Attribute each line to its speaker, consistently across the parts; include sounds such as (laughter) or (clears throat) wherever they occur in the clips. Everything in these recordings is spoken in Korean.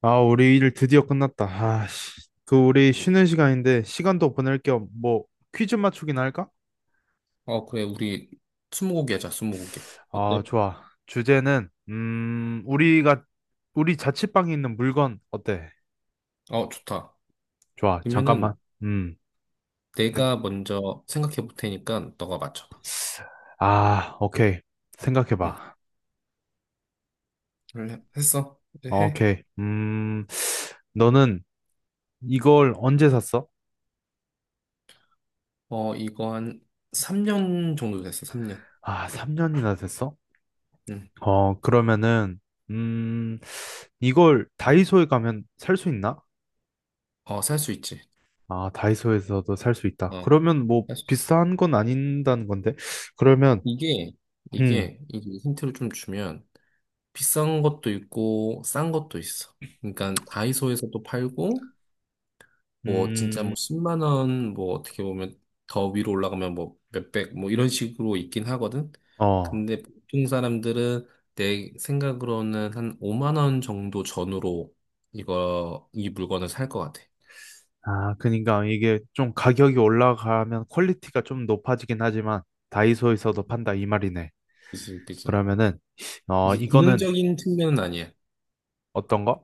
Speaker 1: 아, 우리 일 드디어 끝났다. 아, 씨. 그 우리 쉬는 시간인데 시간도 보낼 겸 뭐 퀴즈 맞추기나 할까?
Speaker 2: 어, 그래, 우리 스무고개 하자, 스무고개. 어때?
Speaker 1: 아, 좋아. 주제는 우리가 우리 자취방에 있는 물건 어때?
Speaker 2: 어, 좋다.
Speaker 1: 좋아. 잠깐만.
Speaker 2: 그러면은
Speaker 1: 음. 네.
Speaker 2: 내가 먼저 생각해 볼 테니까 너가 맞춰봐.
Speaker 1: 아, 오케이. 생각해
Speaker 2: 응,
Speaker 1: 봐.
Speaker 2: 그래, 했어. 이제 해.
Speaker 1: 오케이. 음. 너는 이걸 언제 샀어?
Speaker 2: 어, 이거 한 3년 정도 됐어, 3년.
Speaker 1: 아, 3년이나 됐어?
Speaker 2: 응.
Speaker 1: 그러면은 음, 이걸 다이소에 가면 살 수 있나?
Speaker 2: 어, 살 수 있지.
Speaker 1: 아, 다이소에서도 살 수 있다.
Speaker 2: 어,
Speaker 1: 그러면 뭐
Speaker 2: 살 수 있어.
Speaker 1: 비싼 건 아닌다는 건데. 그러면
Speaker 2: 이게,
Speaker 1: 음,
Speaker 2: 이게 힌트를 좀 주면 비싼 것도 있고, 싼 것도 있어. 그러니까 다이소에서도 팔고, 뭐 진짜
Speaker 1: 음,
Speaker 2: 뭐 10만 원 뭐 어떻게 보면 더 위로 올라가면 뭐 몇백 뭐 이런 식으로 있긴 하거든.
Speaker 1: 어,
Speaker 2: 근데 보통 사람들은 내 생각으로는 한 5만 원 정도 전후로 이거 이 물건을 살 것 같아.
Speaker 1: 아, 그러니까 이게 좀 가격이 올라가면 퀄리티가 좀 높아지긴 하지만 다이소에서도 판다 이 말이네.
Speaker 2: 그치, 그치.
Speaker 1: 그러면은
Speaker 2: 이게
Speaker 1: 이거는
Speaker 2: 기능적인 측면은 아니야.
Speaker 1: 어떤 거?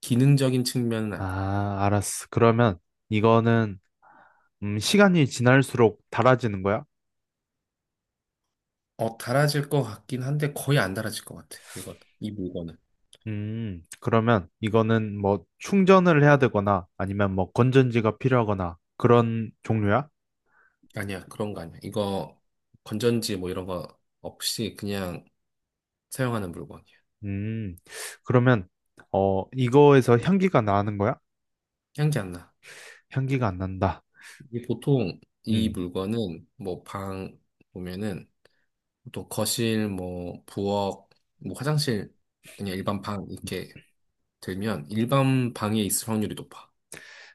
Speaker 2: 기능적인 측면은 아니야.
Speaker 1: 아, 알았어. 그러면 이거는 시간이 지날수록 닳아지는 거야?
Speaker 2: 어, 달아질 것 같긴 한데 거의 안 달아질 것 같아. 이거 이 물건은.
Speaker 1: 그러면 이거는 뭐 충전을 해야 되거나 아니면 뭐 건전지가 필요하거나 그런 종류야?
Speaker 2: 아니야, 그런 거 아니야. 이거 건전지 뭐 이런 거 없이 그냥 사용하는 물건이야.
Speaker 1: 음, 그러면, 이거에서 향기가 나는 거야?
Speaker 2: 향기 안 나.
Speaker 1: 향기가 안 난다.
Speaker 2: 이 보통 이
Speaker 1: 음,
Speaker 2: 물건은 뭐 방 보면은 보통 거실 뭐 부엌 뭐 화장실 그냥 일반 방 이렇게 들면 일반 방에 있을 확률이 높아.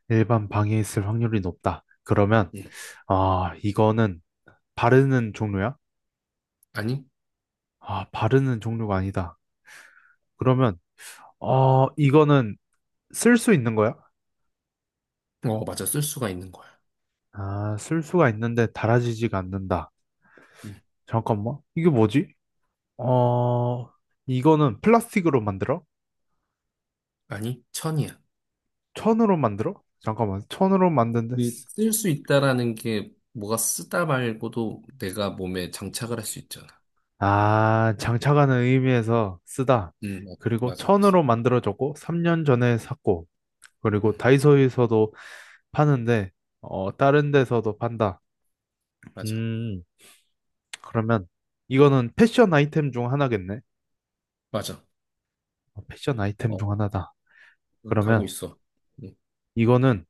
Speaker 1: 일반 방에 있을 확률이 높다. 그러면,
Speaker 2: 예.
Speaker 1: 아, 이거는 바르는 종류야?
Speaker 2: 아니?
Speaker 1: 아, 바르는 종류가
Speaker 2: 예.
Speaker 1: 아니다. 그러면, 이거는 쓸 수 있는 거야?
Speaker 2: 어, 맞아. 쓸 수가 있는 거야.
Speaker 1: 아, 쓸 수가 있는데 달아지지가 않는다.
Speaker 2: 예.
Speaker 1: 잠깐만, 이게 뭐지? 어, 이거는 플라스틱으로 만들어?
Speaker 2: 아니, 천이야.
Speaker 1: 천으로 만들어? 잠깐만, 천으로 만든데
Speaker 2: 쓸 수 있다라는 게 뭐가 쓰다 말고도 내가 몸에 장착을 할 수 있잖아.
Speaker 1: 아, 장차가는 의미에서 쓰다.
Speaker 2: 어,
Speaker 1: 그리고
Speaker 2: 맞아, 맞아.
Speaker 1: 천으로 만들어졌고, 3년 전에 샀고, 그리고
Speaker 2: 응,
Speaker 1: 다이소에서도 파는데, 다른 데서도 판다.
Speaker 2: 맞아,
Speaker 1: 음, 그러면 이거는 패션 아이템 중 하나겠네?
Speaker 2: 맞아.
Speaker 1: 어, 패션 아이템 중
Speaker 2: 어,
Speaker 1: 하나다.
Speaker 2: 가고
Speaker 1: 그러면
Speaker 2: 있어.
Speaker 1: 이거는,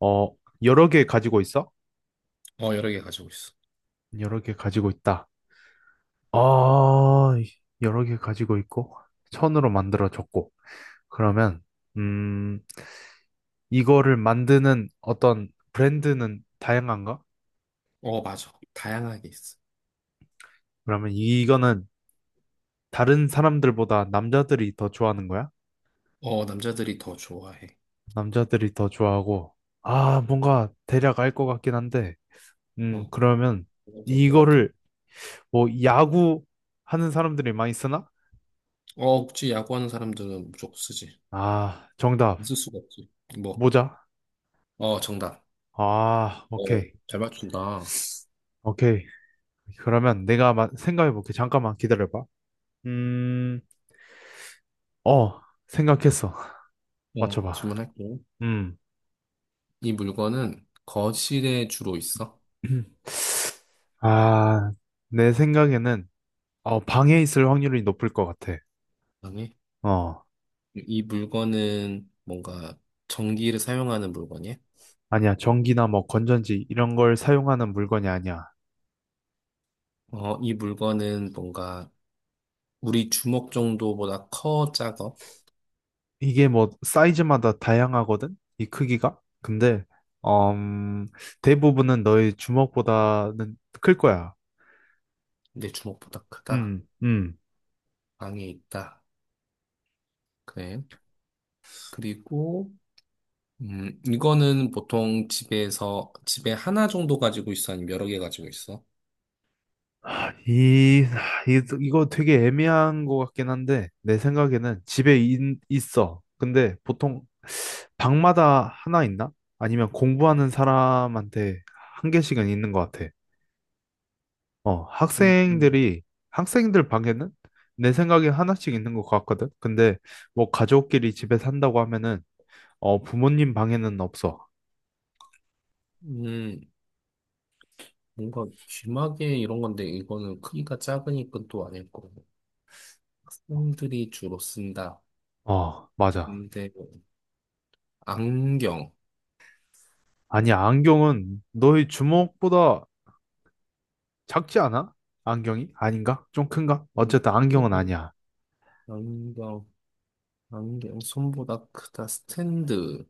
Speaker 1: 어, 여러 개 가지고 있어?
Speaker 2: 음. 어, 여러 개 가지고 있어.
Speaker 1: 여러 개 가지고 있다. 어, 여러 개 가지고 있고, 천으로 만들어졌고, 그러면, 음, 이거를 만드는 어떤 브랜드는 다양한가?
Speaker 2: 어, 맞아. 다양하게 있어.
Speaker 1: 그러면 이거는 다른 사람들보다 남자들이 더 좋아하는 거야?
Speaker 2: 어, 남자들이 더 좋아해.
Speaker 1: 남자들이 더 좋아하고, 아, 뭔가 대략 알 것 같긴 한데,
Speaker 2: 어,
Speaker 1: 그러면
Speaker 2: 더뭐 같아.
Speaker 1: 이거를 뭐 야구 하는 사람들이 많이 쓰나?
Speaker 2: 어, 혹시 야구하는 사람들은 무조건 쓰지.
Speaker 1: 아, 정답.
Speaker 2: 안 쓸 수가 없지. 뭐.
Speaker 1: 모자?
Speaker 2: 어, 정답.
Speaker 1: 아, 오케이.
Speaker 2: 어, 잘 맞춘다.
Speaker 1: 오케이. 그러면 내가 생각해볼게. 잠깐만 기다려봐. 음, 어, 생각했어. (laughs) 맞춰봐.
Speaker 2: 질문할게.
Speaker 1: 음.
Speaker 2: 이 물건은 거실에 주로 있어?
Speaker 1: (clears throat) 아, 내 생각에는 방에 있을 확률이 높을 것 같아.
Speaker 2: 아니.
Speaker 1: 어,
Speaker 2: 이 물건은 뭔가 전기를 사용하는 물건이야?
Speaker 1: 아니야. 전기나 뭐 건전지 이런 걸 사용하는 물건이 아니야.
Speaker 2: 어, 이 물건은 뭔가 우리 주먹 정도보다 커, 작아?
Speaker 1: 이게 뭐 사이즈마다 다양하거든? 이 크기가? 근데 음, 대부분은 너의 주먹보다는 클 거야.
Speaker 2: 내 주먹보다 크다.
Speaker 1: 음, 음.
Speaker 2: 방에 있다. 그래. 그리고 이거는 보통 집에서, 집에 하나 정도 가지고 있어? 아니면 여러 개 가지고 있어?
Speaker 1: 이, 이거 되게 애매한 것 같긴 한데, 내 생각에는 집에 있어. 근데 보통 방마다 하나 있나? 아니면 공부하는 사람한테 한 개씩은 있는 것 같아. 어,
Speaker 2: 음, 음.
Speaker 1: 학생들이, 학생들 방에는 내 생각에 하나씩 있는 것 같거든? 근데 뭐 가족끼리 집에 산다고 하면은, 부모님 방에는 없어.
Speaker 2: 음, 뭔가 귀마개 이런 건데, 이거는 크기가 작으니까 또 아닐 거고. 학생들이 주로 쓴다.
Speaker 1: 어, 맞아.
Speaker 2: 근데, 안경.
Speaker 1: 아니, 안경은 너의 주먹보다 작지 않아? 안경이? 아닌가? 좀 큰가?
Speaker 2: 안-
Speaker 1: 어쨌든 안경은
Speaker 2: 크기,
Speaker 1: 아니야.
Speaker 2: 안경, 안경, 손보다 크다. 스탠드.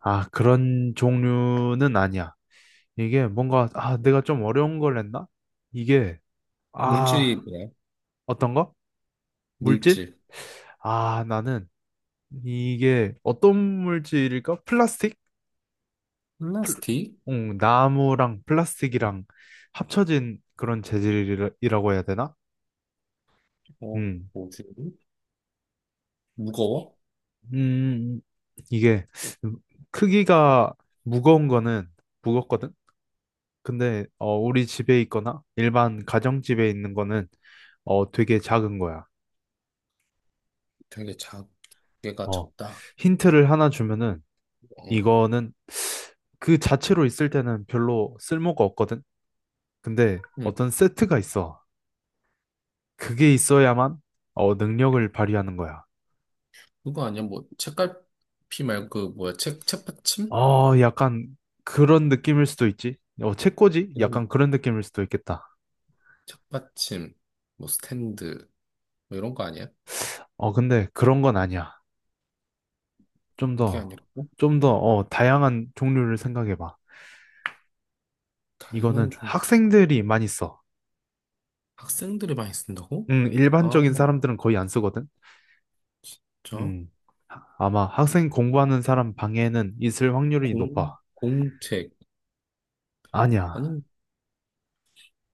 Speaker 1: 아, 그런 종류는 아니야. 이게 뭔가, 아, 내가 좀 어려운 걸 했나? 이게,
Speaker 2: 물질이
Speaker 1: 아,
Speaker 2: 뭐야?
Speaker 1: 어떤 거? 물질?
Speaker 2: 물질.
Speaker 1: 아, 나는 이게 어떤 물질일까? 플라스틱?
Speaker 2: 플라스틱?
Speaker 1: 응, 나무랑 플라스틱이랑 합쳐진 그런 재질이라고 해야 되나?
Speaker 2: 어,
Speaker 1: 음,
Speaker 2: 뭐지? 무거워?
Speaker 1: 음, 이게 크기가 무거운 거는 무겁거든? 근데 어, 우리 집에 있거나 일반 가정집에 있는 거는 어, 되게 작은 거야.
Speaker 2: 되게 작게가
Speaker 1: 어,
Speaker 2: 적다.
Speaker 1: 힌트를 하나 주면은
Speaker 2: 어.
Speaker 1: 이거는 그 자체로 있을 때는 별로 쓸모가 없거든. 근데
Speaker 2: 응.
Speaker 1: 어떤 세트가 있어. 그게 있어야만 능력을 발휘하는 거야.
Speaker 2: 그거 아니야? 뭐 책갈피 말고 그 뭐야? 책 책받침?
Speaker 1: 어, 약간 그런 느낌일 수도 있지. 어, 책꽂이?
Speaker 2: 이런
Speaker 1: 약간 그런 느낌일 수도 있겠다.
Speaker 2: 책받침, 뭐 스탠드 뭐 이런 거 아니야?
Speaker 1: 어, 근데 그런 건 아니야. 좀
Speaker 2: 이게
Speaker 1: 더,
Speaker 2: 아니라고?
Speaker 1: 어, 다양한 종류를 생각해봐.
Speaker 2: 다양한
Speaker 1: 이거는
Speaker 2: 종
Speaker 1: 학생들이 많이 써.
Speaker 2: 학생들이 많이 쓴다고? 아,
Speaker 1: 일반적인 사람들은 거의 안 쓰거든?
Speaker 2: 진짜?
Speaker 1: 음, 아마 학생 공부하는 사람 방에는 있을 확률이 높아.
Speaker 2: 공 공책.
Speaker 1: 아니야.
Speaker 2: 아니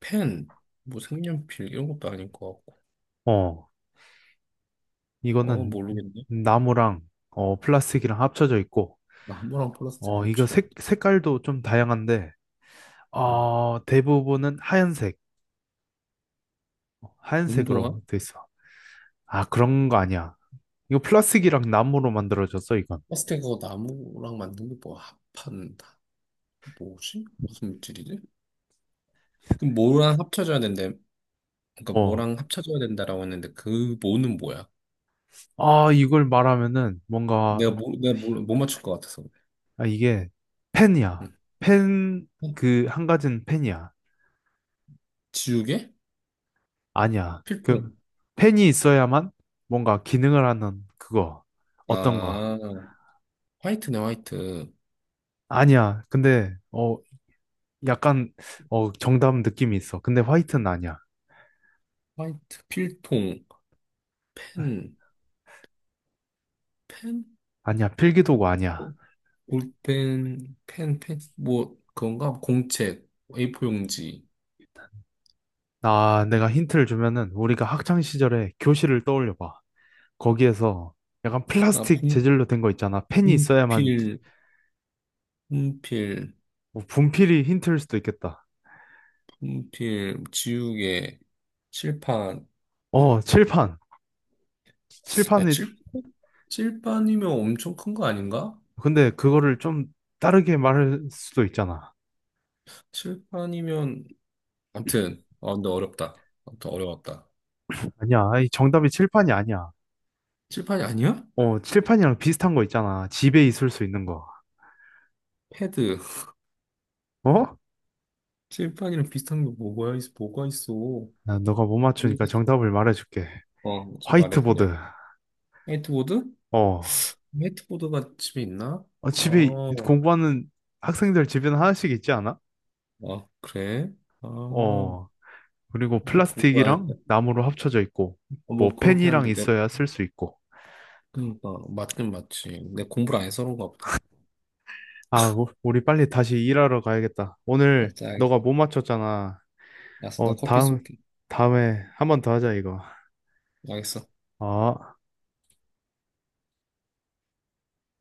Speaker 2: 펜, 뭐 색연필 이런 것도 아닐 것 같고.
Speaker 1: 어,
Speaker 2: 어
Speaker 1: 이거는
Speaker 2: 모르겠네.
Speaker 1: 나무랑, 플라스틱이랑 합쳐져 있고,
Speaker 2: 나무랑 플라스틱
Speaker 1: 어, 이거
Speaker 2: 협철.
Speaker 1: 색깔도 좀 다양한데,
Speaker 2: 응.
Speaker 1: 어, 대부분은 하얀색,
Speaker 2: 운동화?
Speaker 1: 하얀색으로 돼 있어. 아, 그런 거 아니야. 이거 플라스틱이랑 나무로 만들어졌어, 이건.
Speaker 2: 플라스틱 그거 나무랑 만든 게 뭐 합한 뭐지? 무슨 물질이지? 그럼 뭐랑 합쳐져야 된대? 그러니까
Speaker 1: 어,
Speaker 2: 뭐랑 합쳐줘야 된다라고 했는데 그 뭐는 뭐야?
Speaker 1: 아, 이걸 말하면은 뭔가,
Speaker 2: 내가 뭐 내가 뭘 못 맞출 것 같아서. 그래.
Speaker 1: 아, 이게 펜이야.
Speaker 2: 응.
Speaker 1: 펜,
Speaker 2: 어,
Speaker 1: 그, 한 가지는 펜이야.
Speaker 2: 지우개?
Speaker 1: 아니야. 그
Speaker 2: 필통.
Speaker 1: 펜이 있어야만 뭔가 기능을 하는 그거 어떤 거.
Speaker 2: 아, 화이트네, 화이트.
Speaker 1: 아니야. 근데 어 약간 어 정답 느낌이 있어. 근데 화이트는 아니야.
Speaker 2: 화이트 필통 펜 펜?
Speaker 1: 아니야. 필기도구 아니야.
Speaker 2: 어, 볼펜 펜펜뭐 그건가? 공책, A4 용지.
Speaker 1: 아, 내가 힌트를 주면은 우리가 학창 시절에 교실을 떠올려 봐. 거기에서 약간
Speaker 2: 아
Speaker 1: 플라스틱 재질로 된 거 있잖아. 펜이 있어야만
Speaker 2: 분필, 분필,
Speaker 1: 뭐 분필이 힌트일 수도 있겠다.
Speaker 2: 분필, 지우개, 칠판.
Speaker 1: 어, 칠판.
Speaker 2: 야
Speaker 1: 칠판이
Speaker 2: 칠. 칠판이면 엄청 큰 거 아닌가?
Speaker 1: 근데 그거를 좀 다르게 말할 수도 있잖아.
Speaker 2: 칠판이면 아무튼 근데 어렵다. 아무튼 어려웠다.
Speaker 1: 아니야. 아이, 정답이 칠판이 아니야.
Speaker 2: 칠판이 아니야?
Speaker 1: 어, 칠판이랑 비슷한 거 있잖아. 집에 있을 수 있는 거.
Speaker 2: 패드.
Speaker 1: 어?
Speaker 2: 칠판이랑 비슷한 게 뭐가 있어? 뭐가 있어?
Speaker 1: 나 너가 못 맞추니까
Speaker 2: 모르겠어.
Speaker 1: 정답을 말해줄게.
Speaker 2: 어, 이제 말해
Speaker 1: 화이트보드.
Speaker 2: 그냥. 화이트보드?
Speaker 1: 어.
Speaker 2: 화이트보드가 집에 있나?
Speaker 1: 어,
Speaker 2: 아,
Speaker 1: 집에 공부하는 학생들 집에는 하나씩 있지 않아?
Speaker 2: 아 그래? 아,
Speaker 1: 어. 그리고
Speaker 2: 공부 안
Speaker 1: 플라스틱이랑
Speaker 2: 해서
Speaker 1: 나무로 합쳐져 있고,
Speaker 2: 어,
Speaker 1: 뭐
Speaker 2: 뭐 그렇긴
Speaker 1: 펜이랑
Speaker 2: 한데 내가
Speaker 1: 있어야 쓸 수 있고.
Speaker 2: 그러니까 맞긴 맞지. 내가 공부를 안 해서 그런가 보다.
Speaker 1: 아, 우리 빨리 다시 일하러 가야겠다. 오늘
Speaker 2: 맞아, 알겠어.
Speaker 1: 너가 못 맞췄잖아.
Speaker 2: 알았어, 나
Speaker 1: 어,
Speaker 2: 커피
Speaker 1: 다음,
Speaker 2: 쏠게.
Speaker 1: 다음에 한 번 더 하자, 이거.
Speaker 2: 알겠어.
Speaker 1: 어.